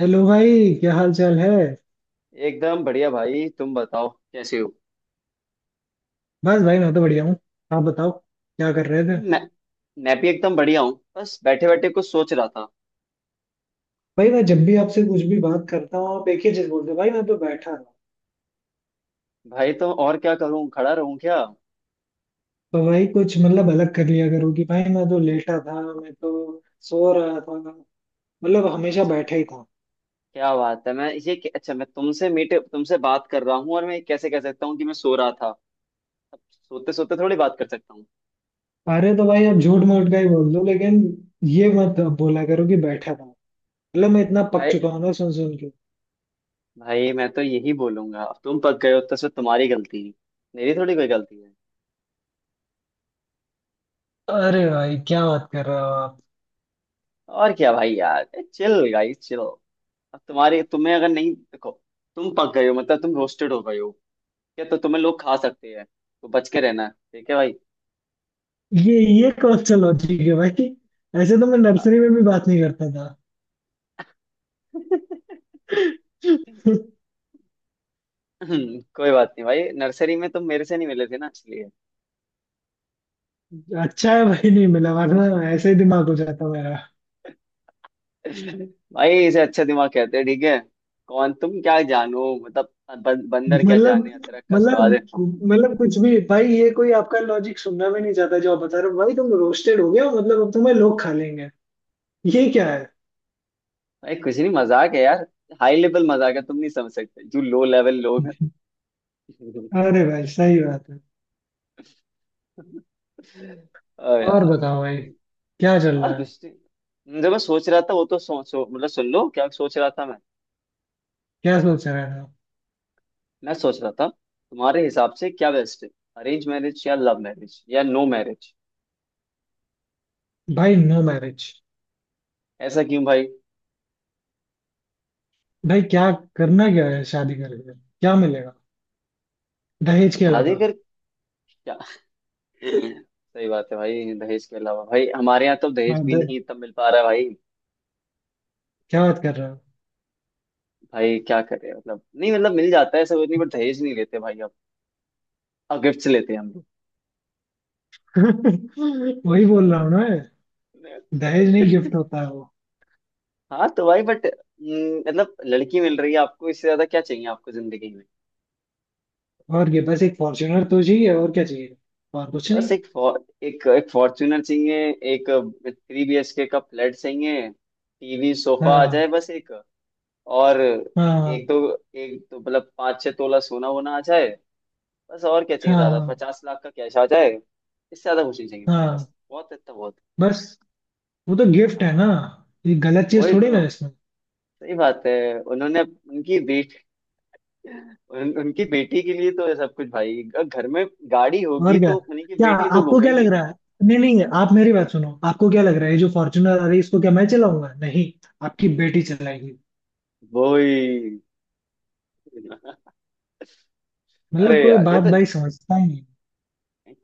Hello भाई, क्या हाल चाल है। एकदम बढ़िया भाई। तुम बताओ कैसे हो। बस भाई, मैं तो बढ़िया हूँ। आप बताओ, क्या कर रहे थे। मैं मैं भी एकदम बढ़िया हूँ, बस बैठे बैठे कुछ सोच रहा था। भाई, मैं जब भी आपसे कुछ भी बात करता हूँ आप एक ही चीज बोलते हो: भाई मैं तो बैठा था। भाई तो और क्या करूँ, खड़ा रहूँ क्या। तो भाई कुछ मतलब अलग कर लिया करो कि भाई मैं तो लेटा था, मैं तो सो रहा था। मतलब हमेशा अच्छा, बैठा ही था। क्या बात है। मैं अच्छा, मैं तुमसे मीट तुमसे बात कर रहा हूँ और मैं कैसे कह सकता हूँ कि मैं सो रहा था। अब सोते सोते थोड़ी बात कर सकता हूँ। अरे तो भाई आप झूठ मूठ का ही बोल दो, लेकिन ये मत बोला करो कि बैठा था। मतलब मैं इतना पक भाई, चुका हूँ ना, सुन सुन के। भाई मैं तो यही बोलूंगा। अब तुम पक गए हो तो उसमें तुम्हारी गलती है, मेरी थोड़ी कोई गलती है। अरे भाई, क्या बात कर रहे हो आप। और क्या भाई यार, चिल गाइस चिल। अब तुम्हारी तुम्हें अगर नहीं देखो, तुम पक गए हो मतलब तुम रोस्टेड हो गए हो, या तो तुम्हें लोग खा सकते हैं, तो बच के रहना। ठीक है भाई। ये ये कौन सा लॉजिक है भाई। ऐसे तो मैं आ- नर्सरी में भी बात नहीं करता था। कोई बात नहीं भाई, नर्सरी में तुम मेरे से नहीं मिले थे ना इसलिए। अच्छा है भाई, नहीं मिला, वरना ऐसे ही दिमाग हो जाता मेरा। भाई इसे अच्छा दिमाग कहते हैं, ठीक है। कौन तुम क्या जानो, मतलब बंदर क्या मतलब जाने अदरक का मतलब स्वाद है। मतलब कुछ भी भाई, ये कोई आपका लॉजिक सुनना भी नहीं चाहता। जो आप बता रहे हो भाई तुम रोस्टेड हो गए हो, मतलब अब तुम्हें लोग खा लेंगे। ये क्या है। भाई कुछ नहीं, मजाक है यार। हाई लेवल मजाक है, तुम नहीं समझ सकते जो लो लेवल लोग हैं। अरे भाई, सही बात है। ओ और यार। बताओ भाई, क्या चल और रहा है। कुछ नहीं, जो मैं सोच रहा था वो तो मतलब सुन लो क्या सोच रहा था मैं। क्या सोच रहे हो। मैं सोच रहा था तुम्हारे हिसाब से क्या बेस्ट है, अरेंज मैरिज या लव मैरिज या नो मैरिज। भाई, नो मैरिज। ऐसा क्यों भाई। भाई क्या, करना क्या है? शादी करके क्या मिलेगा, दहेज के शादी अलावा। कर क्या। सही बात है भाई, दहेज के अलावा भाई हमारे यहाँ तो दहेज हाँ, भी नहीं इतना मिल पा रहा है भाई। क्या बात कर रहे हो। भाई क्या करें, मतलब नहीं मतलब मिल जाता है, ऐसा कुछ नहीं, बट दहेज नहीं लेते भाई अब। अब गिफ्ट लेते हैं हम वही बोल रहा लोग। हूँ ना। दहेज नहीं, गिफ्ट होता है वो। हाँ, तो भाई बट मतलब लड़की मिल रही है आपको, इससे ज्यादा क्या चाहिए आपको जिंदगी। और ये, बस एक फॉर्च्यूनर तो चाहिए, और क्या चाहिए। और कुछ नहीं। बस एक फॉर्च्यूनर चाहिए, एक थ्री बीएचके का फ्लैट चाहिए, टीवी सोफा आ जाए, हाँ। बस। एक और, एक हाँ। दो, एक तो मतलब पाँच छह तोला सोना वोना आ जाए। बस, और क्या चाहिए ज्यादा। हाँ। पचास लाख का कैश आ जाए, इससे ज्यादा कुछ नहीं चाहिए भाई, हाँ। बस बहुत है इतना बहुत बस। वो तो है। गिफ्ट है ना। हाँ, ये गलत चीज वही थोड़ी ना तो। है इसमें। सही बात है। उन्होंने उनकी बेटी उन, उनकी बेटी के लिए तो ये सब कुछ भाई, घर में गाड़ी और होगी क्या? तो उन्हीं की क्या बेटी तो आपको क्या लग घूमेगी। रहा है? नहीं नहीं, आप मेरी बात सुनो, आपको क्या लग रहा है, ये जो फॉर्च्यूनर आ रही है इसको क्या मैं चलाऊंगा? नहीं, आपकी बेटी चलाएगी। वही। अरे मतलब कोई यार, ये बात तो। भाई समझता ही नहीं।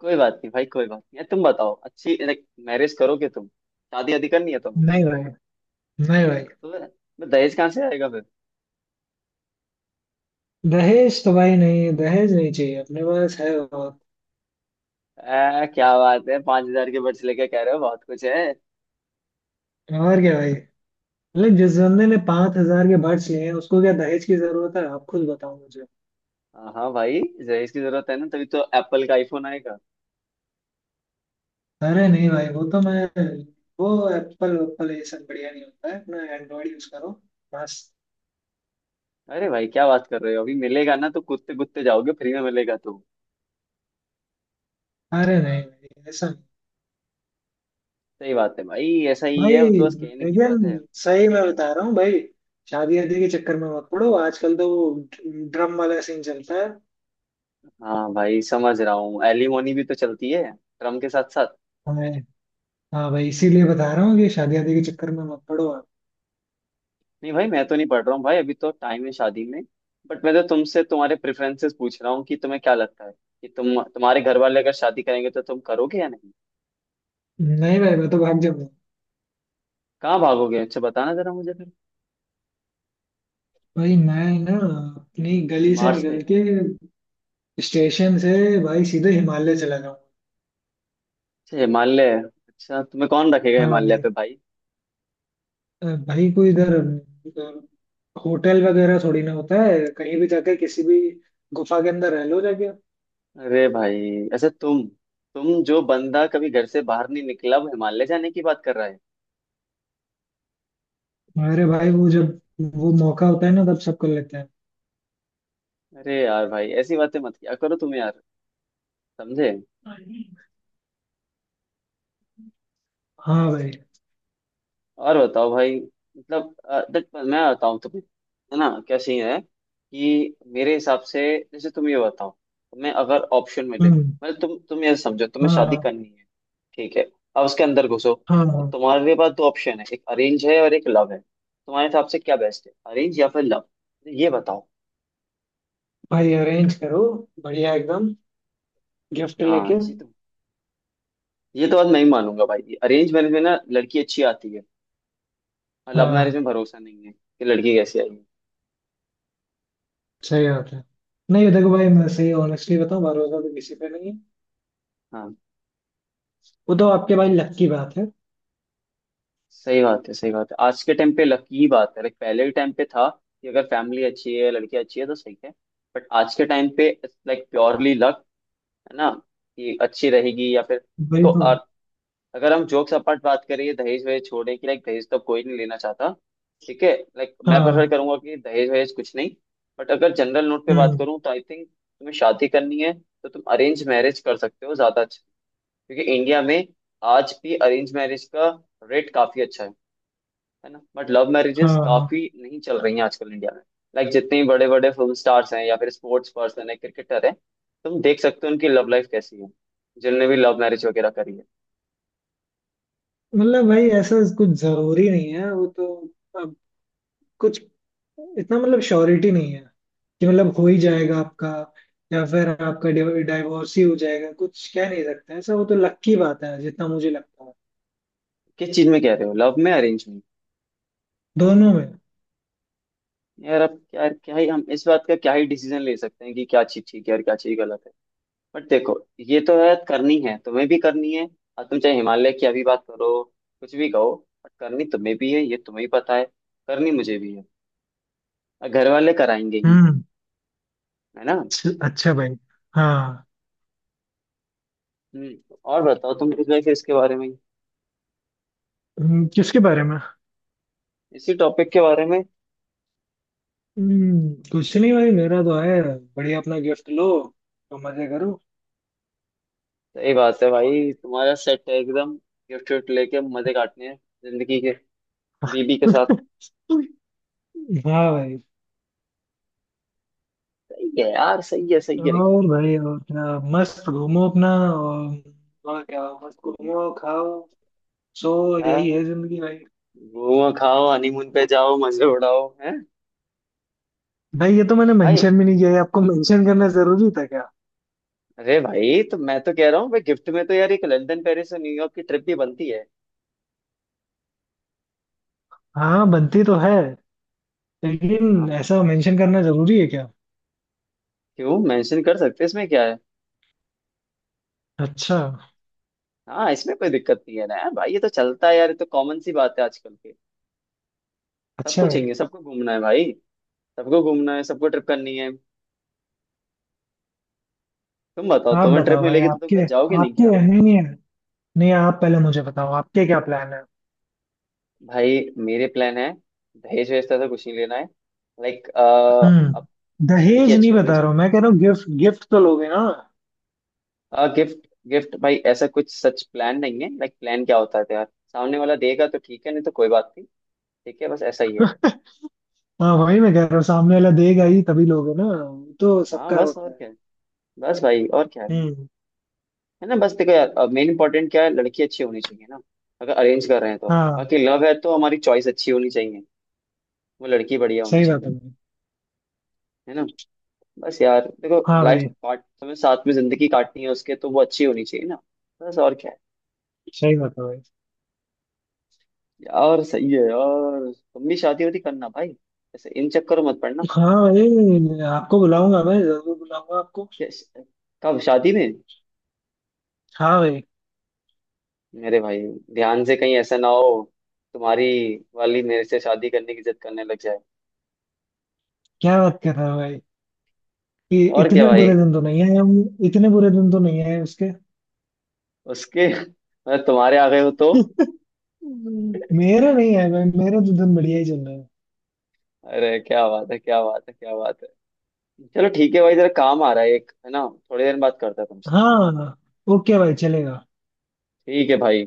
कोई बात नहीं भाई, कोई बात नहीं। तुम बताओ अच्छी, लाइक मैरिज करोगे तुम, शादी आदि करनी है तुम्हें। नहीं भाई, नहीं भाई। तो मैं दहेज कहाँ से आएगा फिर। दहेज तो भाई नहीं, दहेज नहीं चाहिए, अपने पास है। और क्या बात है, पांच हजार के बर्ड्स लेके कह रहे हो बहुत कुछ है। और क्या भाई। लेकिन जिस बंदे ने 5,000 के बर्ड्स लिए हैं उसको क्या दहेज की जरूरत है? आप खुद बताओ मुझे। हाँ हाँ भाई, दहेज की जरूरत है ना, तभी तो एप्पल का आईफोन आएगा। अरे नहीं भाई, वो तो मैं, वो एप्पल एप्पल ये सब बढ़िया नहीं होता है, अपना एंड्रॉइड यूज करो मस्त। अरे भाई क्या बात कर रहे हो, अभी मिलेगा ना तो कूदते कूदते जाओगे, फ्री में मिलेगा तो। अरे नहीं भाई, ऐसा नहीं। सही बात है भाई, ऐसा ही है, भाई, वो तो बस कहने की बात है। लेकिन सही मैं बता रहा हूँ भाई, शादी वादी के चक्कर में मत पड़ो, आजकल तो वो ड्रम वाला सीन चलता है। हाँ भाई समझ रहा हूँ, एलिमोनी भी तो चलती है ड्रम के साथ। मैं, हाँ भाई इसीलिए बता रहा हूँ कि शादी वादी के चक्कर में मत पड़ो आप। नहीं भाई, मैं तो नहीं पढ़ रहा हूँ भाई, अभी तो टाइम है शादी में। बट मैं तो तुमसे तुम्हारे प्रेफरेंसेस पूछ रहा हूँ कि तुम्हें क्या लगता है, कि तुम तुम्हारे घर वाले अगर शादी करेंगे तो तुम करोगे या नहीं। नहीं भाई, मैं तो भाग जाऊंगा। कहाँ भागोगे, अच्छा बताना जरा मुझे फिर। भाई मैं ना, अपनी गली से मार्स पे। निकल के, स्टेशन से, भाई सीधे हिमालय चला जाऊँ। अच्छा हिमालय, अच्छा तुम्हें कौन रखेगा हाँ हिमालय भाई। पे भाई। भाई कोई इधर होटल वगैरह थोड़ी ना होता है, कहीं भी जाके किसी भी गुफा के अंदर रह लो जाके। अरे भाई अच्छा, तुम जो बंदा कभी घर से बाहर नहीं निकला, वो हिमालय जाने की बात कर रहा है। हमारे भाई वो जब, वो मौका होता है ना तब सब कर लेते हैं। अरे यार भाई ऐसी बातें मत किया करो तुम यार, समझे। हाँ भाई। और बताओ भाई, मतलब देख मैं बताऊँ तुम्हें, है ना, क्या सीन है कि मेरे हिसाब से, जैसे तुम ये बताओ, तुम्हें अगर ऑप्शन मिले, हम्म। मतलब तुम ये समझो तुम्हें शादी हाँ। करनी है, ठीक है। अब उसके अंदर घुसो। हाँ। तो हाँ तुम्हारे पास दो ऑप्शन है, एक अरेंज है और एक लव है, तुम्हारे हिसाब से क्या बेस्ट है, अरेंज या फिर लव, ये बताओ। भाई, अरेंज करो, बढ़िया एकदम, गिफ्ट हाँ लेके। ये तो, ये तो बात मैं ही मानूंगा भाई, अरेंज मैरिज में ना लड़की अच्छी आती है, और लव मैरिज हाँ, में भरोसा नहीं है कि लड़की कैसी आएगी। सही बात है। नहीं, देखो भाई मैं सही ऑनेस्टली बताऊं, भरोसा तो किसी पे नहीं है। हाँ, वो तो आपके भाई लक की बात है। सही बात है। सही बात है, आज के टाइम पे लकी बात है, लाइक पहले के टाइम पे था कि अगर फैमिली अच्छी है, लड़की अच्छी है तो सही है। बट आज के टाइम पे लाइक प्योरली लक, है ना, कि अच्छी रहेगी या फिर। वही देखो तो। और, अगर हम जोक्स अपार्ट बात करें दहेज वहेज छोड़ने की, लाइक दहेज तो कोई नहीं लेना चाहता, ठीक है। लाइक मैं प्रेफर हाँ। करूंगा कि दहेज वहेज कुछ नहीं। बट अगर जनरल नोट पे बात हम्म। करूँ तो आई थिंक तुम्हें शादी करनी है तो तुम अरेंज मैरिज कर सकते हो, ज्यादा अच्छा। क्योंकि इंडिया में आज भी अरेंज मैरिज का रेट काफी अच्छा है ना। बट लव मैरिजेस हाँ। हाँ। काफी नहीं चल रही हैं आजकल इंडिया में। लाइक जितने बड़े बड़े फिल्म स्टार्स हैं या फिर स्पोर्ट्स पर्सन है, क्रिकेटर है, तुम देख सकते हो उनकी लव लाइफ कैसी है जिनने भी लव मैरिज वगैरह करी है। मतलब भाई ऐसा कुछ जरूरी नहीं है वो तो। अब कुछ इतना मतलब श्योरिटी नहीं है कि मतलब हो ही ठीक है, जाएगा आपका, या फिर आपका डाइवोर्स ही हो जाएगा, कुछ कह नहीं सकते ऐसा। वो तो लक की बात है, जितना मुझे लगता है। किस चीज में कह रहे हो, लव में अरेंज में। दोनों में। यार अब क्या क्या ही हम, इस बात का क्या ही डिसीजन ले सकते हैं कि क्या चीज ठीक है और क्या चीज गलत है। बट देखो, ये तो है, करनी है, तुम्हें भी करनी है, और तुम चाहे हिमालय की अभी बात करो, कुछ भी कहो, बट करनी तुम्हें भी है, ये तुम्हें ही पता है, करनी मुझे भी है, और घर वाले कराएंगे ही, हम्म। है ना। अच्छा भाई। हाँ। हम्म, और बताओ, तुम कुछ ऐसे इसके बारे में। किसके बारे में। इसी टॉपिक के बारे में। हम्म, कुछ नहीं भाई, मेरा तो है बढ़िया, अपना गिफ्ट लो तो मजे करो। सही बात है भाई, तुम्हारा सेट है एकदम, गिफ्ट विफ्ट लेके मजे काटने हैं जिंदगी के, बीबी के साथ। हाँ भाई। सही है यार, सही है, सही है। और भाई और क्या, मस्त घूमो अपना। और क्या, मस्त घूमो खाओ सो। यही है हाँ, जिंदगी भाई। घूमो खाओ, हनीमून पे जाओ, मजे उड़ाओ, हैं भाई ये तो मैंने भाई। मेंशन भी नहीं किया, ये आपको मेंशन करना जरूरी था क्या। अरे भाई तो मैं तो कह रहा हूँ भाई, गिफ्ट में तो यार एक लंदन पेरिस और न्यूयॉर्क की ट्रिप भी बनती है। हाँ, बनती तो है, लेकिन हाँ, ऐसा मेंशन करना जरूरी है क्या। क्यों, मेंशन कर सकते हैं, इसमें क्या है। अच्छा। हाँ इसमें कोई दिक्कत नहीं है ना यार भाई, ये तो चलता है यार, ये तो कॉमन सी बात है आजकल के। सबको अच्छा भाई। चाहिए, सबको घूमना है भाई, सबको घूमना है, सबको ट्रिप करनी है। तुम बताओ, आप तुम्हें ट्रिप बताओ भाई, मिलेगी तो तुम क्या आपके जाओगे नहीं आपके क्या। नहीं, नहीं, नहीं, आप पहले मुझे बताओ आपके क्या प्लान है। भाई मेरे प्लान है, दहेज वहेज से कुछ नहीं लेना है, लाइक अब हम्म। लड़की दहेज नहीं अच्छी होनी बता रहा चाहिए। हूँ, मैं कह रहा हूँ गिफ्ट, गिफ्ट तो लोगे ना। आ, गिफ्ट गिफ्ट भाई, ऐसा कुछ सच प्लान नहीं है, लाइक प्लान क्या होता है तो यार, सामने वाला देगा तो ठीक है, नहीं तो कोई बात नहीं। ठीक है, बस ऐसा ही है। हाँ, वही मैं कह रहा हूँ, सामने वाला देगा ही तभी लोगे ना, वो तो हाँ सबका बस, होता और है। क्या है। बस भाई, और क्या है हम्म। है ना। बस देखो यार, मेन इंपॉर्टेंट क्या है, लड़की अच्छी होनी चाहिए ना, अगर अरेंज कर रहे हैं तो। हाँ। बाकी लव है तो हमारी चॉइस अच्छी होनी चाहिए, वो लड़की बढ़िया होनी सही बात है चाहिए, भाई। है ना। बस यार देखो, हाँ लाइफ भाई। पार्ट हमें साथ में जिंदगी काटनी है उसके, तो वो अच्छी होनी चाहिए ना। बस, और क्या है। सही बात है भाई। यार सही है यार, तुम भी शादी वादी करना भाई, ऐसे इन चक्करों मत पड़ना। हाँ भाई, आपको बुलाऊंगा, मैं जरूर बुलाऊंगा आपको। क्या- कब शादी में, हाँ भाइ। मेरे भाई, ध्यान से, कहीं ऐसा ना हो, तुम्हारी वाली मेरे से शादी करने की जिद करने लग जाए। क्या बात कर रहे हो भाई। और क्या इतने भाई। बुरे दिन तो नहीं आए हम। इतने बुरे दिन तो नहीं आए उसके। उसके मतलब तुम्हारे आ गए हो तो। मेरे नहीं आए भाई, मेरे तो दिन बढ़िया ही चल रहे हैं। अरे क्या बात है, क्या बात है, क्या बात है। चलो ठीक है भाई, जरा काम आ रहा है एक, है ना, थोड़ी देर बात करता हूँ तुमसे। हाँ। ओके भाई, चलेगा। ठीक है भाई।